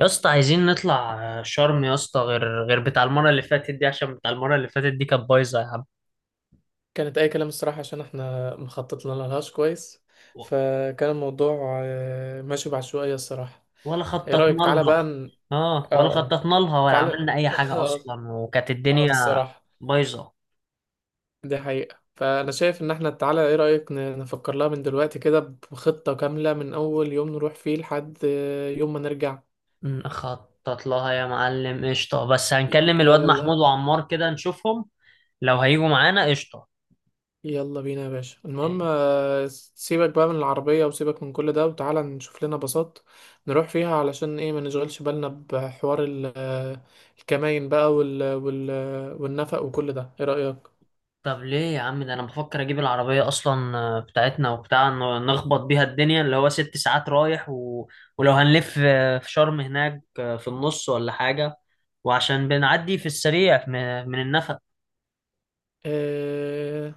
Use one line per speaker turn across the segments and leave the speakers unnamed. يا اسطى عايزين نطلع شرم يا اسطى غير بتاع المره اللي فاتت دي، عشان بتاع المره اللي فاتت دي كانت بايظه يا عم.
كانت اي كلام الصراحه، عشان احنا مخططنا لهاش كويس.
و-
فكان الموضوع ماشي بعشوائيه الصراحه.
ولا
ايه
خططنا
رايك تعالى بقى
لها. اه،
اه،
ولا
اه،
خططنا لها ولا
تعالى
عملنا اي حاجه
اه.
اصلا، وكانت الدنيا
الصراحه
بايظه.
دي حقيقه، فانا شايف ان احنا تعالى ايه رايك نفكر لها من دلوقتي كده بخطه كامله، من اول يوم نروح فيه لحد يوم ما نرجع.
نخطط لها يا معلم، قشطه. بس هنكلم الواد محمود
يلا،
وعمار كده نشوفهم لو هيجوا معانا، قشطه.
يلا بينا يا باشا. المهم سيبك بقى من العربية وسيبك من كل ده، وتعالى نشوف لنا باصات نروح فيها، علشان ايه ما نشغلش بالنا بحوار الكماين بقى وال والنفق وكل ده. ايه رأيك؟
طب ليه يا عم؟ ده انا بفكر اجيب العربية اصلا، بتاعتنا، نخبط بيها الدنيا، اللي هو ست ساعات رايح. ولو هنلف في شرم هناك في النص ولا حاجة. وعشان بنعدي في السريع من النفق.
آه،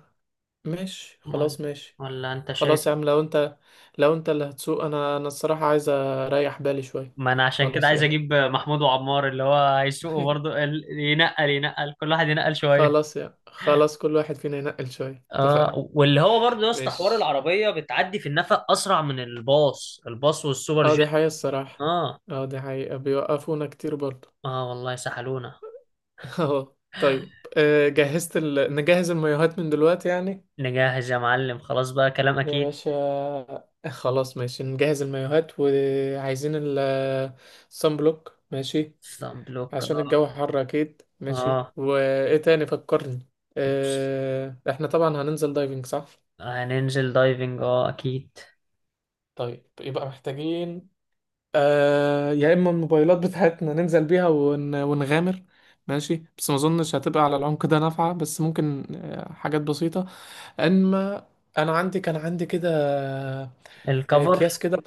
ماشي،
ولا...
خلاص ماشي.
ولا انت شايف؟
خلاص يا عم، لو انت اللي هتسوق، انا الصراحة عايز اريح بالي شوية.
ما انا عشان كده
خلاص
عايز
يلا.
اجيب محمود وعمار، اللي هو هيسوقوا برضه. ينقل كل واحد ينقل شوية.
خلاص يا خلاص، كل واحد فينا ينقل شوية،
اه،
اتفقنا.
واللي هو برضه يا اسطى حوار
ماشي.
العربية بتعدي في النفق اسرع من الباص والسوبر
اه،
جيت.
دي حقيقة الصراحة.
اه.
اه، دي حقيقة بيوقفونا كتير برضه.
اه والله سحلونا.
اه، طيب. جهزت نجهز المايوهات من دلوقتي يعني.
نجهز يا معلم خلاص بقى، كلام
يا
اكيد.
باشا. خلاص ماشي، نجهز المايوهات، وعايزين ال صن بلوك ماشي،
سان بلوك،
عشان
اه.
الجو حر اكيد. ماشي،
اه،
وايه تاني فكرني.
بص،
احنا طبعا هننزل دايفنج صح؟
هننزل دايفنج اه اكيد.
طيب يبقى محتاجين، يا اما الموبايلات بتاعتنا ننزل بيها ونغامر. ماشي، بس ما اظنش هتبقى على العمق ده نافعه، بس ممكن حاجات بسيطه. اما انا عندي، كان عندي كده آه
الكفر،
اكياس كده.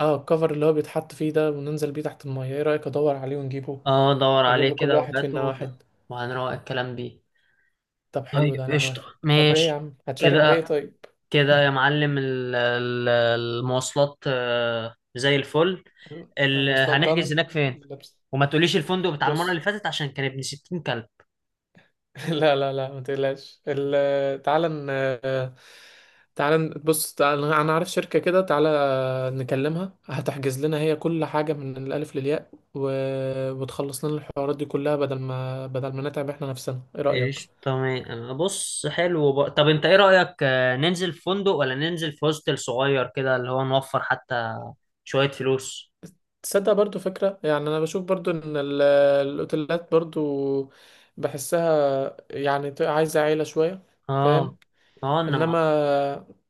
اه، الكفر اللي هو بيتحط فيه ده وننزل بيه تحت الميه. ايه رايك ادور عليه ونجيبه،
اه دور
اجيب
عليه
لكل
كده
واحد فينا
وهاته،
واحد؟
وهنروق الكلام بيه.
طب
طيب
حلو ده، انا
قشطة،
موافق. طب ايه يا
ماشي
عم هتشارك بايه
كده.
طيب؟
كده يا معلم، المواصلات زي الفل.
ال- انا اصلا دن
هنحجز هناك فين؟
لبس.
وما تقوليش الفندق بتاع المرة
بص.
اللي فاتت عشان كان ابن 60 كلب.
لا، لا، لا، ما تقلقش. تعالى تعالى بص، تعالى انا عارف شركة كده، تعالى نكلمها هتحجز لنا هي كل حاجة من الألف للياء، وتخلص لنا الحوارات دي كلها، بدل ما نتعب احنا نفسنا. ايه رأيك؟
ايش؟ تمام، بص حلو بقى. طب انت ايه رأيك، ننزل في فندق ولا ننزل في هوستل صغير كده، اللي هو نوفر حتى شوية فلوس؟
تصدق برضو فكرة. يعني انا بشوف برضو ان الاوتيلات برضو بحسها يعني عايزة عيلة شوية،
اه.
فاهم.
اه، انما.
انما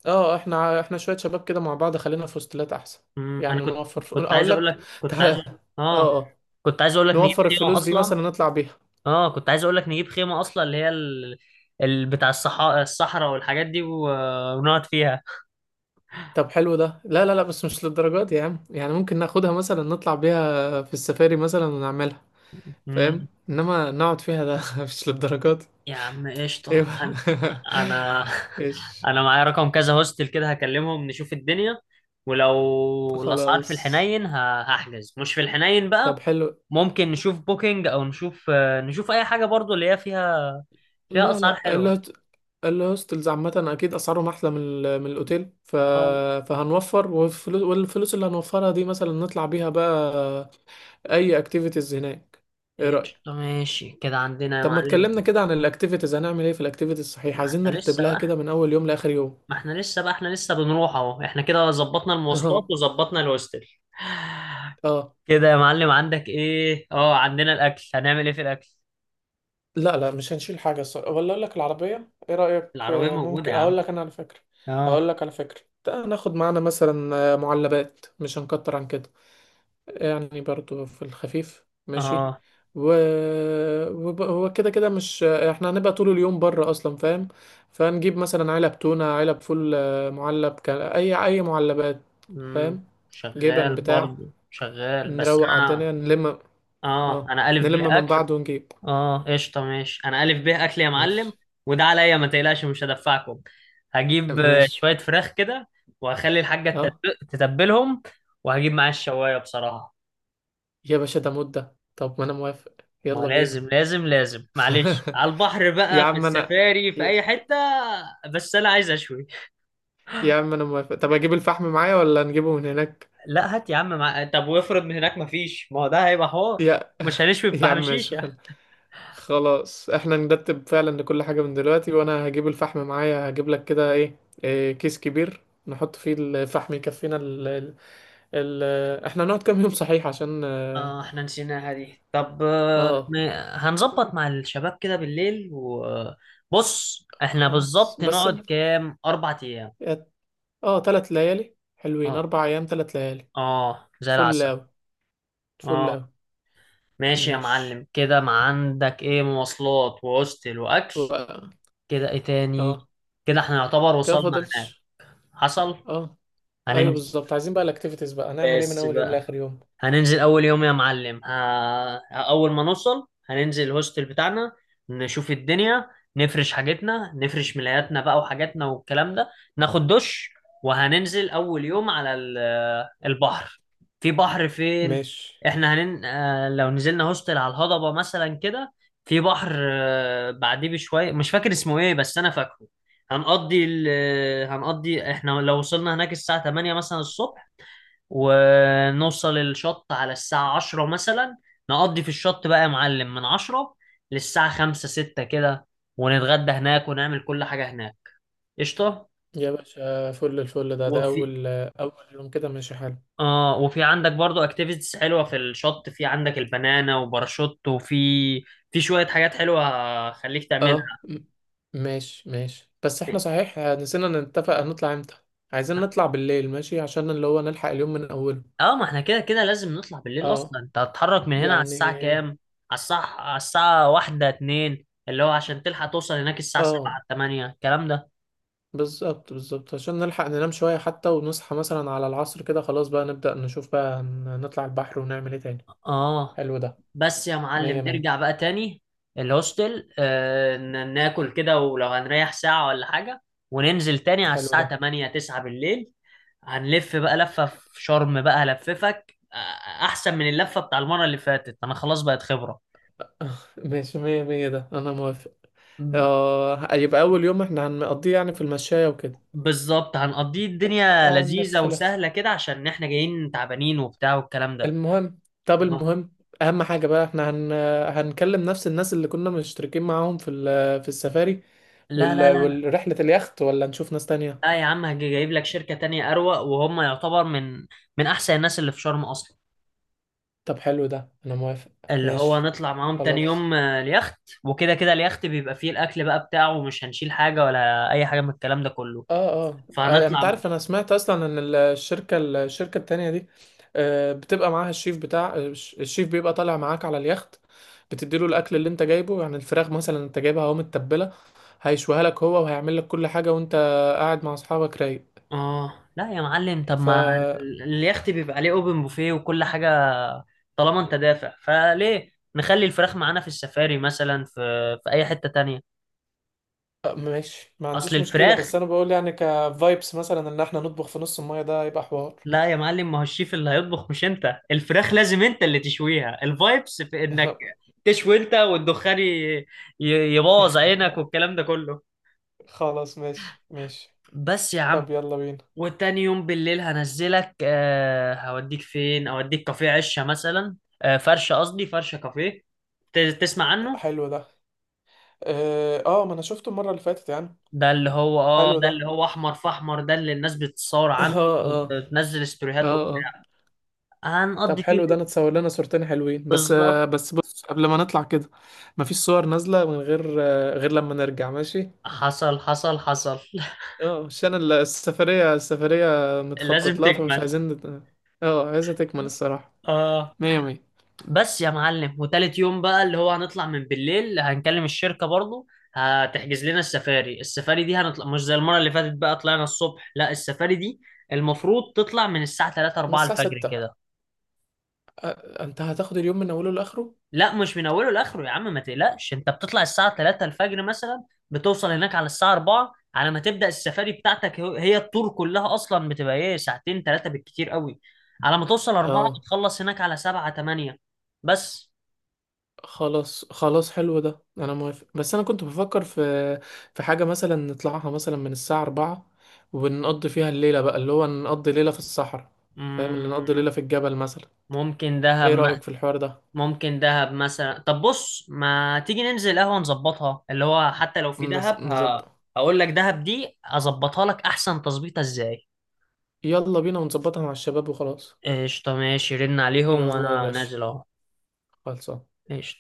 اه احنا شويه شباب كده مع بعض، خلينا في هوستلات احسن.
انا
يعني
كنت.
نوفر.
كنت عايز
اقول
اقول
لك.
لك، كنت
تعال.
عايز أقول- اه
اه، اه،
كنت عايز اقول لك نجيب
نوفر
خيمة
الفلوس دي
اصلا.
مثلا نطلع بيها.
اه كنت عايز اقول لك نجيب خيمة اصلا، اللي هي بتاع الصحراء، والحاجات دي، ونقعد فيها.
طب حلو ده، لا، لا، لا، بس مش للدرجات دي يا عم. يعني ممكن ناخدها مثلا نطلع بيها في السفاري مثلا ونعملها، فاهم. انما نقعد فيها ده مش للدرجات دي.
يا عم
ايوه.
قشطة. أنا، أنا
ايش،
أنا معايا رقم كذا هوستل كده، هكلمهم نشوف الدنيا. ولو الأسعار في
خلاص.
الحنين، هحجز مش في الحنين بقى.
طب حلو.
ممكن نشوف بوكينج، أو نشوف نشوف أي حاجة برضو اللي هي فيها، فيها
لا،
أسعار
لا،
حلوة.
الهوستلز عامة أكيد أسعارهم أحلى من الأوتيل.
اه
فهنوفر، والفلوس اللي هنوفرها دي مثلا نطلع بيها بقى أي أكتيفيتيز هناك. إيه
قشطة،
رأيك؟
ماشي كده عندنا يا
طب ما
معلم.
اتكلمنا كده عن الأكتيفيتيز. هنعمل إيه في الأكتيفيتيز
ما
صحيح؟ عايزين
احنا
نرتب
لسه
لها
بقى
كده من أول يوم لآخر يوم.
ما احنا لسه بقى، احنا لسه بنروح اهو. احنا كده ظبطنا المواصلات
أه،
وظبطنا الهوستل.
أه.
كده يا معلم، عندك ايه؟ اه، عندنا الاكل، هنعمل ايه في الاكل؟
لا، لا، مش هنشيل حاجة. ولا أقول لك العربية، إيه رأيك
العربية موجودة
ممكن
يا
أقول
عم.
لك أنا على فكرة.
اه.
هقول لك على فكرة، تعال ناخد معانا مثلا معلبات، مش هنكتر عن كده. يعني برضو في الخفيف ماشي.
اه.
و... هو كده كده مش احنا هنبقى طول اليوم بره اصلا، فاهم. فنجيب مثلا علب تونة، علب فول، اي معلبات،
مم.
فاهم، جبن بتاع،
شغال، بس
نروق على
انا.
الدنيا نلم.
اه
اه،
انا الف ب
نلم من
اكل.
بعض ونجيب.
اه قشطة ماشي، انا الف ب اكل يا معلم،
ماشي،
وده عليا ما تقلقش، مش هدفعكم. هجيب
ماشي.
شوية فراخ كده، وهخلي الحاجة
اه،
تتبلهم، وهجيب معايا الشواية بصراحة.
يا باشا ده مدة، طب ما انا موافق.
ما
يلا بينا.
لازم، لازم لازم، معلش، على البحر
يا
بقى، في
عم انا،
السفاري، في
يا
اي حتة. بس انا عايز اشوي.
يا عم انا موافق. طب اجيب الفحم معايا ولا نجيبه من هناك؟
لا هات يا عم طب وافرض من هناك مفيش؟ ما هو ده هيبقى حوار،
يا
مش هنشوي
يا
بفحم
عم ماشي،
شيشة.
خلاص احنا نرتب فعلا كل حاجة من دلوقتي. وانا هجيب الفحم معايا. هجيب لك كده إيه، كيس كبير نحط فيه الفحم يكفينا ال... احنا نقعد كام يوم صحيح؟ عشان
اه احنا نسيناها دي. طب
آه،
هنظبط مع الشباب كده بالليل. وبص، احنا
خلاص.
بالظبط نقعد كام، 4 ايام.
اه، تلات ليالي حلوين،
اه.
اربع ايام تلات ليالي.
اه زي
فل
العسل.
اوي، فل
اه.
اوي.
ماشي يا
ماشي.
معلم كده، ما عندك ايه، مواصلات وهوستل واكل.
و...
كده ايه تاني؟
اه،
كده احنا يعتبر
كده
وصلنا هناك.
فاضلش.
حصل.
اه، ايوه
هننزل.
بالظبط، عايزين بقى الاكتيفيتيز بقى هنعمل ايه من
بس
اول يوم
بقى،
لاخر يوم.
هننزل اول يوم يا معلم. اول ما نوصل هننزل الهوستل بتاعنا، نشوف الدنيا، نفرش حاجتنا، نفرش ملاياتنا بقى وحاجاتنا والكلام ده، ناخد دش، وهننزل اول يوم على البحر. في بحر فين؟
ماشي
احنا هنن... آه، لو نزلنا هوستل على الهضبة مثلا كده، في بحر بعديه بشوية، مش فاكر اسمه ايه بس انا فاكره. هنقضي ال... هنقضي احنا لو وصلنا هناك الساعة 8 مثلا الصبح، ونوصل الشط على الساعة 10 مثلا، نقضي في الشط بقى يا معلم من 10 للساعة 5 6 كده، ونتغدى هناك، ونعمل كل حاجة هناك، قشطة.
يا باشا. الفل ده،
وفي،
أول أول يوم كده ماشي حلو.
اه وفي عندك برضو اكتيفيتيز حلوة في الشط، في عندك البنانا وباراشوت، وفي، في شوية حاجات حلوة هخليك تعملها.
اه، ماشي، ماشي، بس احنا صحيح نسينا نتفق هنطلع امتى. عايزين نطلع بالليل ماشي، عشان اللي هو نلحق اليوم من أوله.
اه. ما احنا كده كده لازم نطلع بالليل اصلا.
اه
انت هتتحرك من هنا على
يعني.
الساعة كام؟ على الساعة، على الساعة 1 2، اللي هو عشان تلحق توصل هناك الساعة
اه،
سبعة تمانية الكلام ده.
بالظبط، بالظبط، عشان نلحق ننام شوية حتى، ونصحى مثلا على العصر كده، خلاص بقى نبدأ نشوف بقى نطلع البحر ونعمل ايه تاني.
اه.
حلو ده،
بس يا
مية
معلم،
مية.
نرجع بقى تاني الهوستل، آه ناكل كده، ولو هنريح ساعة ولا حاجة، وننزل تاني على
حلو
الساعة
ده.
تمانية تسعة بالليل. هنلف بقى لفة في شرم بقى، هلففك احسن من اللفة بتاع المرة اللي فاتت، انا خلاص بقت خبرة.
ماشي، مية مية، ده أنا موافق. اه، يبقى أول يوم احنا هنقضيه يعني في المشاية وكده.
بالظبط، هنقضيه الدنيا لذيذة
نلف لف،
وسهلة كده، عشان احنا جايين تعبانين وبتاع والكلام ده.
المهم. طب
أها.
المهم اهم حاجه بقى، احنا هنكلم نفس الناس اللي كنا مشتركين معاهم في السفاري،
لا لا لا لا.
والرحله، اليخت، ولا نشوف ناس تانية؟
لا يا عم، جايب لك شركة تانية أروق، وهم يعتبر من من أحسن الناس اللي في شرم أصلا.
طب حلو ده، انا موافق.
اللي هو
ماشي
نطلع معاهم تاني
خلاص.
يوم اليخت. وكده كده اليخت بيبقى فيه الأكل بقى بتاعه، ومش هنشيل حاجة ولا أي حاجة من الكلام ده كله.
اه، اه، يعني انت
فهنطلع.
عارف انا سمعت اصلا ان الشركه الشركه التانية دي بتبقى معاها الشيف بتاع الشيف بيبقى طالع معاك على اليخت، بتديله الاكل اللي انت جايبه، يعني الفراخ مثلا انت جايبها اهو متبله، هيشويها لك هو، وهيعمل لك كل حاجه وانت قاعد مع اصحابك رايق.
اه لا يا معلم. طب
ف
ما
آه،
اليخت بيبقى عليه اوبن بوفيه وكل حاجه، طالما انت دافع فليه، نخلي الفراخ معانا في السفاري مثلا، في في اي حته تانية.
ماشي، ما
اصل
عنديش مشكله.
الفراخ،
بس انا بقول يعني كفايبس مثلا ان احنا نطبخ في نص الميه، ده هيبقى حوار.
لا يا معلم، ما هو الشيف اللي هيطبخ مش انت. الفراخ لازم انت اللي تشويها، الفايبس في انك تشوي انت، والدخان يبوظ عينك والكلام ده كله.
خلاص، ماشي، ماشي.
بس يا
طب
عم.
يلا بينا.
وتاني يوم بالليل هنزلك، آه هوديك فين، اوديك كافيه عشة مثلا، فرشة كافيه، تسمع عنه.
حلو ده. اه، ما انا شفته المره اللي فاتت يعني.
ده اللي هو، اه
حلو
ده
ده.
اللي هو احمر في احمر، ده اللي الناس بتتصور
اه،
عنه.
اه،
وتنزل ستوريهات
اه، اه.
وبتاع.
طب
هنقضي فيه
حلو ده،
اليوم.
نتصور لنا صورتين حلوين. بس
بالظبط.
آه، بس بص، قبل ما نطلع كده مفيش صور نازلة من غير لما نرجع ماشي.
حصل حصل حصل.
اه، عشان السفرية السفرية
لازم
متخطط لها، فمش
تكمل.
عايزين اه، عايزة تكمل الصراحة،
اه.
مية مية.
بس يا معلم، وتالت يوم بقى، اللي هو هنطلع من بالليل، هنكلم الشركة برضو، هتحجز لنا السفاري. السفاري دي هنطلع مش زي المرة اللي فاتت بقى، طلعنا الصبح. لا، السفاري دي المفروض تطلع من الساعة 3
من
4
الساعة
الفجر
ستة
كده.
انت هتاخد اليوم من اوله لاخره.
لا مش من اوله لاخره يا عم، ما تقلقش، انت بتطلع الساعة 3 الفجر مثلا، بتوصل هناك على الساعة 4، على ما تبدأ السفاري بتاعتك، هي الطور كلها اصلا بتبقى ايه، 2 3 ساعات بالكتير قوي. على ما توصل 4،
اه،
بتخلص هناك على 7 8. بس.
خلاص، خلاص، حلو ده، انا موافق. بس انا كنت بفكر في حاجه مثلا نطلعها مثلا من الساعه 4، ونقضي فيها الليله بقى، اللي هو نقضي ليله في الصحراء، فاهم، اللي نقضي
مم.
ليله في الجبل مثلا.
ممكن
ايه
دهب.
رايك في الحوار ده؟
ممكن دهب مثلا. طب بص، ما تيجي ننزل قهوة نظبطها، اللي هو حتى لو في دهب،
نظبط.
هقول لك دهب دي اظبطها لك احسن تظبيطة ازاي.
يلا بينا، ونظبطها مع الشباب وخلاص.
قشطة ماشي، رن عليهم
يلا يا
وانا
باشا.
نازل اهو.
خلصان.
قشطة.